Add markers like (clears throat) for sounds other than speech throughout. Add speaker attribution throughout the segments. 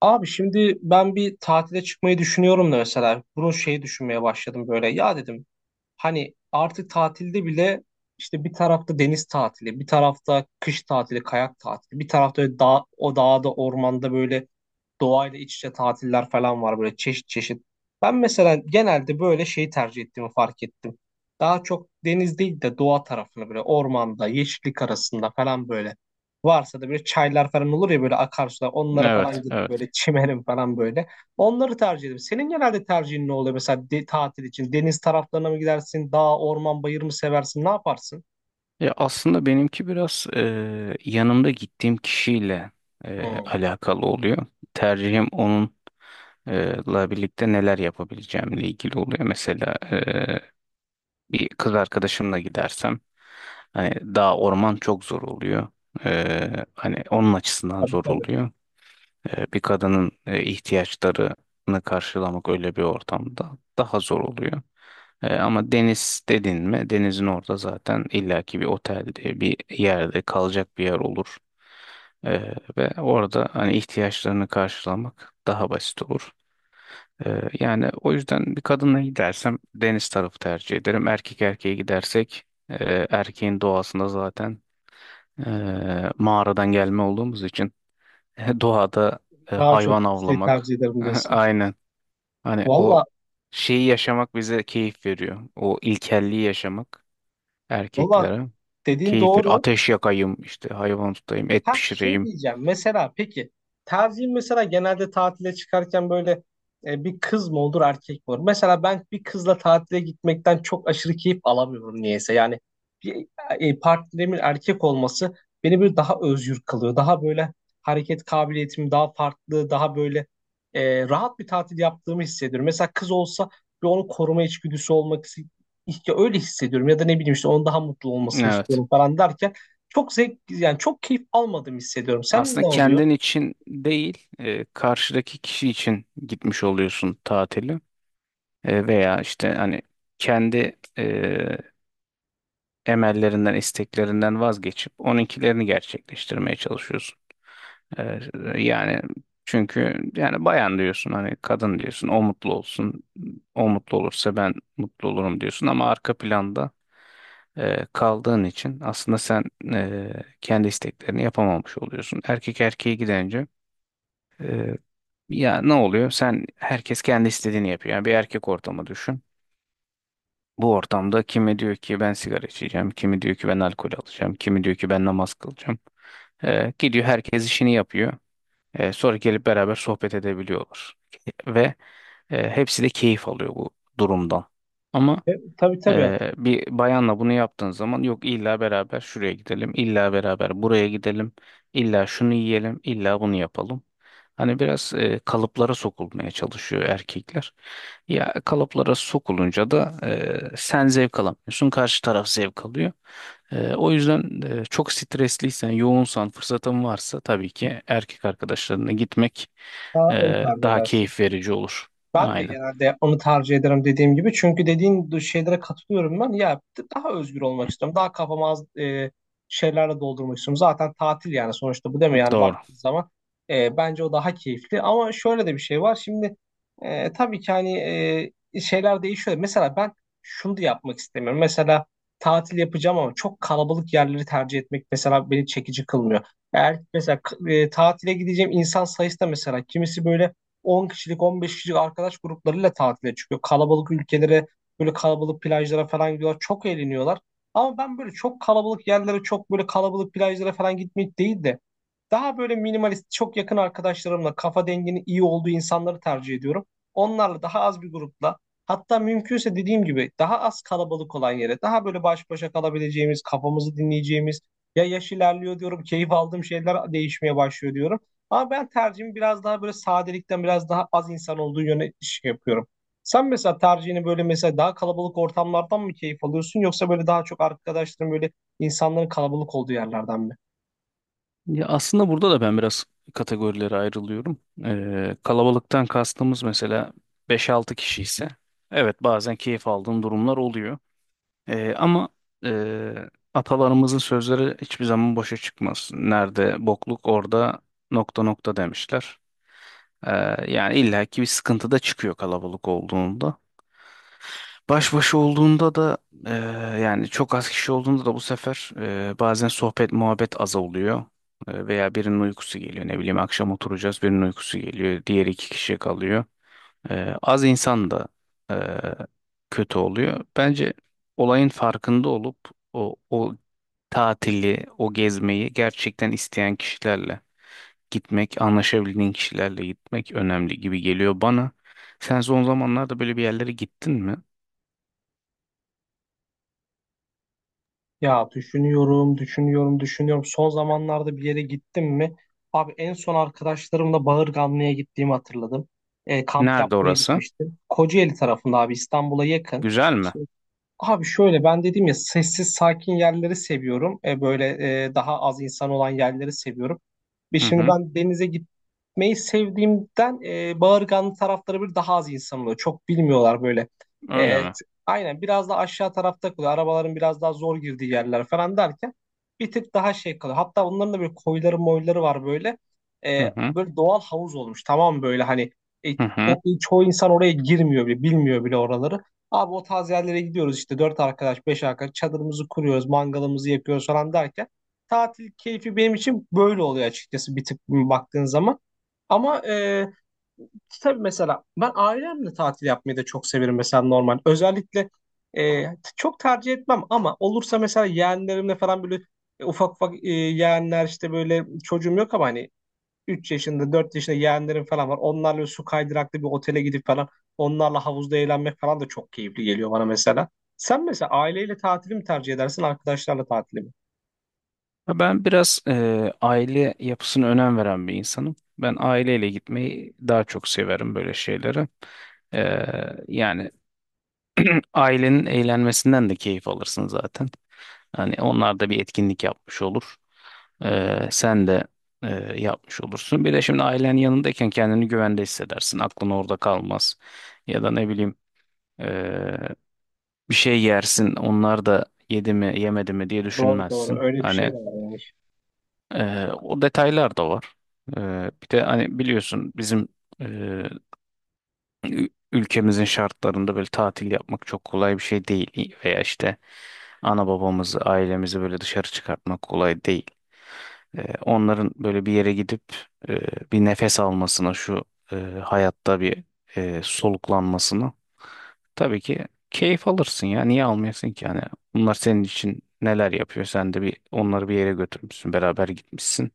Speaker 1: Abi şimdi ben bir tatile çıkmayı düşünüyorum da mesela bunu şeyi düşünmeye başladım böyle ya dedim hani artık tatilde bile işte bir tarafta deniz tatili bir tarafta kış tatili kayak tatili bir tarafta öyle dağ, o dağda ormanda böyle doğayla iç içe tatiller falan var böyle çeşit çeşit. Ben mesela genelde böyle şeyi tercih ettiğimi fark ettim. Daha çok deniz değil de doğa tarafını böyle ormanda, yeşillik arasında falan böyle. Varsa da böyle çaylar falan olur ya böyle akarsular onlara falan
Speaker 2: Evet,
Speaker 1: gidip
Speaker 2: evet.
Speaker 1: böyle çimerim falan böyle. Onları tercih ederim. Senin genelde tercihin ne oluyor mesela tatil için? Deniz taraflarına mı gidersin? Dağ, orman, bayır mı seversin? Ne yaparsın?
Speaker 2: Ya aslında benimki biraz yanımda gittiğim kişiyle
Speaker 1: Hmm.
Speaker 2: alakalı oluyor. Tercihim onunla birlikte neler yapabileceğimle ilgili oluyor. Mesela bir kız arkadaşımla gidersem hani dağ orman çok zor oluyor. Hani onun açısından
Speaker 1: Tabii
Speaker 2: zor
Speaker 1: tabii.
Speaker 2: oluyor. Bir kadının ihtiyaçlarını karşılamak öyle bir ortamda daha zor oluyor. Ama deniz dedin mi denizin orada zaten illaki bir otelde bir yerde kalacak bir yer olur. Ve orada hani ihtiyaçlarını karşılamak daha basit olur. Yani o yüzden bir kadınla gidersem deniz tarafı tercih ederim. Erkek erkeğe gidersek erkeğin doğasında zaten mağaradan gelme olduğumuz için (laughs) doğada
Speaker 1: Daha çok
Speaker 2: hayvan
Speaker 1: şey
Speaker 2: avlamak
Speaker 1: tercih ederim
Speaker 2: (laughs)
Speaker 1: diyorsun.
Speaker 2: aynen hani
Speaker 1: Valla,
Speaker 2: o şeyi yaşamak bize keyif veriyor. O ilkelliği yaşamak.
Speaker 1: valla
Speaker 2: Erkeklere.
Speaker 1: dediğin
Speaker 2: Keyif ver.
Speaker 1: doğru.
Speaker 2: Ateş yakayım, işte hayvan tutayım, et
Speaker 1: Ha şey
Speaker 2: pişireyim.
Speaker 1: diyeceğim mesela peki tercihin mesela genelde tatile çıkarken böyle bir kız mı olur erkek mi olur? Mesela ben bir kızla tatile gitmekten çok aşırı keyif alamıyorum niyeyse. Yani bir partnerimin erkek olması beni böyle daha özgür kılıyor. Daha böyle hareket kabiliyetim daha farklı daha böyle rahat bir tatil yaptığımı hissediyorum. Mesela kız olsa bir onu koruma içgüdüsü olmak istiyor. Öyle hissediyorum ya da ne bileyim işte onun daha mutlu olmasını
Speaker 2: Evet.
Speaker 1: istiyorum falan derken çok zevk yani çok keyif almadım hissediyorum. Sen
Speaker 2: Aslında
Speaker 1: ne oluyor?
Speaker 2: kendin için değil, karşıdaki kişi için gitmiş oluyorsun tatili. Veya işte hani kendi emellerinden, isteklerinden vazgeçip onunkilerini gerçekleştirmeye çalışıyorsun. E, yani çünkü yani bayan diyorsun hani kadın diyorsun o mutlu olsun. O mutlu olursa ben mutlu olurum diyorsun ama arka planda kaldığın için aslında sen e, kendi isteklerini yapamamış oluyorsun. Erkek erkeğe gidince e, ya ne oluyor? Sen herkes kendi istediğini yapıyor. Yani bir erkek ortamı düşün. Bu ortamda kimi diyor ki ben sigara içeceğim, kimi diyor ki ben alkol alacağım, kimi diyor ki ben namaz kılacağım. Gidiyor herkes işini yapıyor. Sonra gelip beraber sohbet edebiliyorlar. Ve hepsi de keyif alıyor bu durumdan. Ama
Speaker 1: Tabii tabii.
Speaker 2: bir bayanla bunu yaptığın zaman yok illa beraber şuraya gidelim, illa beraber buraya gidelim, illa şunu yiyelim, illa bunu yapalım. Hani biraz kalıplara sokulmaya çalışıyor erkekler. Ya kalıplara sokulunca da sen zevk alamıyorsun, karşı taraf zevk alıyor. O yüzden çok stresliysen, yoğunsan, fırsatın varsa tabii ki erkek arkadaşlarına gitmek
Speaker 1: Daha
Speaker 2: e,
Speaker 1: öyle tarif
Speaker 2: daha
Speaker 1: edersin.
Speaker 2: keyif verici olur.
Speaker 1: Ben de
Speaker 2: Aynen.
Speaker 1: genelde yapmamı tercih ederim dediğim gibi. Çünkü dediğin şeylere katılıyorum ben. Ya daha özgür olmak istiyorum. Daha kafamı az şeylerle doldurmak istiyorum. Zaten tatil yani sonuçta bu değil mi? Yani
Speaker 2: Doğru.
Speaker 1: baktığın zaman bence o daha keyifli. Ama şöyle de bir şey var. Şimdi tabii ki hani şeyler değişiyor. Mesela ben şunu da yapmak istemiyorum. Mesela tatil yapacağım ama çok kalabalık yerleri tercih etmek mesela beni çekici kılmıyor. Eğer mesela tatile gideceğim insan sayısı da mesela kimisi böyle 10 kişilik 15 kişilik arkadaş gruplarıyla tatile çıkıyor. Kalabalık ülkelere böyle kalabalık plajlara falan gidiyorlar. Çok eğleniyorlar. Ama ben böyle çok kalabalık yerlere çok böyle kalabalık plajlara falan gitmek değil de daha böyle minimalist, çok yakın arkadaşlarımla, kafa denginin iyi olduğu insanları tercih ediyorum. Onlarla daha az bir grupla, hatta mümkünse dediğim gibi daha az kalabalık olan yere, daha böyle baş başa kalabileceğimiz, kafamızı dinleyeceğimiz, ya yaş ilerliyor diyorum, keyif aldığım şeyler değişmeye başlıyor diyorum. Ama ben tercihimi biraz daha böyle sadelikten biraz daha az insan olduğu yöne iş yapıyorum. Sen mesela tercihini böyle mesela daha kalabalık ortamlardan mı keyif alıyorsun yoksa böyle daha çok arkadaşların böyle insanların kalabalık olduğu yerlerden mi?
Speaker 2: Ya aslında burada da ben biraz kategorilere ayrılıyorum. Kalabalıktan kastımız mesela beş-altı kişi ise evet bazen keyif aldığım durumlar oluyor. Ama e, atalarımızın sözleri hiçbir zaman boşa çıkmaz. Nerede bokluk orada nokta nokta demişler. Ee, yani illaki bir sıkıntı da çıkıyor kalabalık olduğunda. Baş başa olduğunda da eee, yani çok az kişi olduğunda da bu sefer bazen sohbet muhabbet az oluyor. Veya birinin uykusu geliyor ne bileyim akşam oturacağız birinin uykusu geliyor diğer iki kişi kalıyor. Az insan da eee, kötü oluyor. Bence olayın farkında olup o tatili o gezmeyi gerçekten isteyen kişilerle gitmek anlaşabildiğin kişilerle gitmek önemli gibi geliyor bana. Sen son zamanlarda böyle bir yerlere gittin mi?
Speaker 1: Ya düşünüyorum, düşünüyorum, düşünüyorum. Son zamanlarda bir yere gittim mi? Abi en son arkadaşlarımla Bağırganlı'ya gittiğimi hatırladım. Kamp
Speaker 2: Nerede
Speaker 1: yapmaya
Speaker 2: orası?
Speaker 1: gitmiştim. Kocaeli tarafında abi İstanbul'a yakın.
Speaker 2: Güzel mi?
Speaker 1: Abi şöyle ben dedim ya sessiz sakin yerleri seviyorum. Böyle daha az insan olan yerleri seviyorum. Ve
Speaker 2: Hı
Speaker 1: şimdi
Speaker 2: hı.
Speaker 1: ben denize gitmeyi sevdiğimden Bağırganlı tarafları bir daha az insan oluyor. Çok bilmiyorlar böyle.
Speaker 2: Öyle
Speaker 1: E, t-
Speaker 2: mi?
Speaker 1: aynen biraz da aşağı tarafta kalıyor. Arabaların biraz daha zor girdiği yerler falan derken bir tık daha şey kalıyor. Hatta onların da böyle koyları moyları var böyle.
Speaker 2: Hı hı.
Speaker 1: Böyle doğal havuz olmuş tamam mı böyle hani e,
Speaker 2: Hı hı.
Speaker 1: çoğu insan oraya girmiyor bile bilmiyor bile oraları. Abi o tarz yerlere gidiyoruz işte dört arkadaş, beş arkadaş çadırımızı kuruyoruz, mangalımızı yakıyoruz falan derken tatil keyfi benim için böyle oluyor açıkçası bir tık baktığın zaman. Ama tabii mesela ben ailemle tatil yapmayı da çok severim mesela normal. Özellikle çok tercih etmem ama olursa mesela yeğenlerimle falan böyle ufak ufak yeğenler işte böyle çocuğum yok ama hani 3 yaşında 4 yaşında yeğenlerim falan var. Onlarla su kaydıraklı bir otele gidip falan onlarla havuzda eğlenmek falan da çok keyifli geliyor bana mesela. Sen mesela aileyle tatili mi tercih edersin arkadaşlarla tatili mi?
Speaker 2: Ya ben biraz aile yapısına önem veren bir insanım. Ben aileyle gitmeyi daha çok severim böyle şeylere. E, yani (clears throat) ailenin eğlenmesinden de keyif alırsın zaten. Hani onlar da bir etkinlik yapmış olur. Sen de e, yapmış olursun. Bir de şimdi ailen yanındayken kendini güvende hissedersin. Aklın orada kalmaz. Ya da ne bileyim e, bir şey yersin onlar da yedi mi yemedi mi diye
Speaker 1: Doğru doğru
Speaker 2: düşünmezsin.
Speaker 1: öyle bir şey
Speaker 2: Hani
Speaker 1: de var.
Speaker 2: o detaylar da var. Bir de hani biliyorsun bizim e, ülkemizin şartlarında böyle tatil yapmak çok kolay bir şey değil. Veya işte ana babamızı ailemizi böyle dışarı çıkartmak kolay değil. Onların böyle bir yere gidip e, bir nefes almasına şu e, hayatta bir soluklanmasına. Tabii ki keyif alırsın ya. Niye almayasın ki? Yani bunlar senin için neler yapıyor? Sen de bir onları bir yere götürmüşsün. Beraber gitmişsin.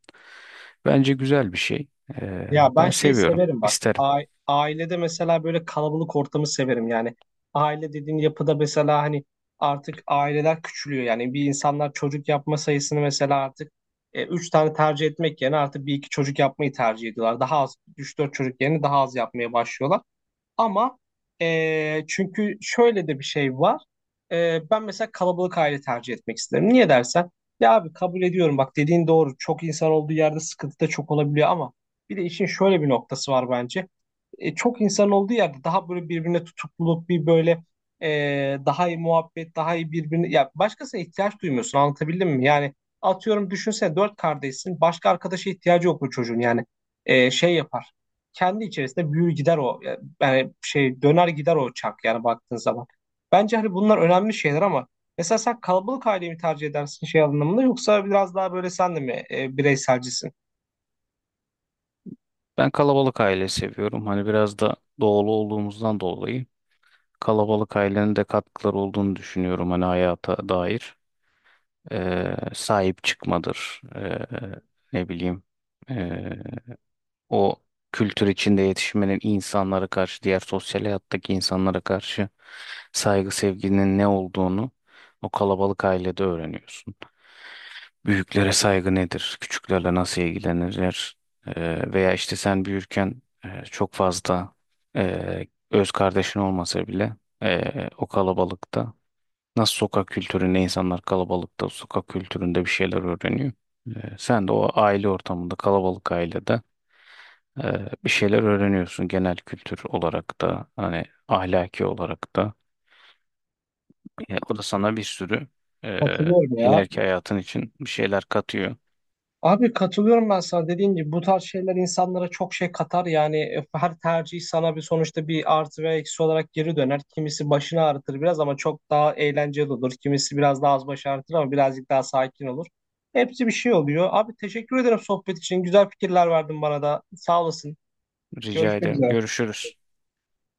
Speaker 2: Bence güzel bir şey. Ee,
Speaker 1: Ya ben
Speaker 2: ben
Speaker 1: şeyi
Speaker 2: seviyorum.
Speaker 1: severim bak.
Speaker 2: İsterim.
Speaker 1: Ailede mesela böyle kalabalık ortamı severim. Yani aile dediğin yapıda mesela hani artık aileler küçülüyor. Yani bir insanlar çocuk yapma sayısını mesela artık üç tane tercih etmek yerine artık bir iki çocuk yapmayı tercih ediyorlar. Daha az, üç dört çocuk yerine daha az yapmaya başlıyorlar. Ama çünkü şöyle de bir şey var. Ben mesela kalabalık aile tercih etmek isterim. Niye dersen? Ya abi kabul ediyorum bak dediğin doğru. Çok insan olduğu yerde sıkıntı da çok olabiliyor ama bir de işin şöyle bir noktası var bence. Çok insan olduğu yerde daha böyle birbirine tutukluluk bir böyle daha iyi muhabbet, daha iyi birbirine ya başkasına ihtiyaç duymuyorsun anlatabildim mi? Yani atıyorum düşünsene dört kardeşsin başka arkadaşa ihtiyacı yok bu çocuğun yani şey yapar kendi içerisinde büyür gider o yani şey döner gider o çark yani baktığın zaman. Bence hani bunlar önemli şeyler ama mesela sen kalabalık aileyi mi tercih edersin şey anlamında yoksa biraz daha böyle sen de mi bireyselcisin?
Speaker 2: Ben kalabalık aile seviyorum. Hani biraz da doğulu olduğumuzdan dolayı kalabalık ailenin de katkıları olduğunu düşünüyorum. Hani hayata dair. Sahip çıkmadır. Ne bileyim. ee, O kültür içinde yetişmenin insanlara karşı, diğer sosyal hayattaki insanlara karşı saygı sevginin ne olduğunu o kalabalık ailede öğreniyorsun. Büyüklere saygı nedir? Küçüklerle nasıl ilgilenirler? Veya işte sen büyürken çok fazla öz kardeşin olmasa bile e, o kalabalıkta nasıl sokak kültüründe insanlar kalabalıkta sokak kültüründe bir şeyler öğreniyor. Sen de o aile ortamında kalabalık ailede bir şeyler öğreniyorsun genel kültür olarak da hani ahlaki olarak da. O da sana bir sürü e,
Speaker 1: Katılıyorum ya.
Speaker 2: ileriki hayatın için bir şeyler katıyor.
Speaker 1: Abi katılıyorum ben sana dediğin gibi bu tarz şeyler insanlara çok şey katar yani her tercih sana bir sonuçta bir artı ve eksi olarak geri döner. Kimisi başını ağrıtır biraz ama çok daha eğlenceli olur. Kimisi biraz daha az baş ağrıtır ama birazcık daha sakin olur. Hepsi bir şey oluyor. Abi teşekkür ederim sohbet için. Güzel fikirler verdin bana da. Sağ olasın.
Speaker 2: Rica
Speaker 1: Görüşmek
Speaker 2: ederim.
Speaker 1: üzere.
Speaker 2: Görüşürüz.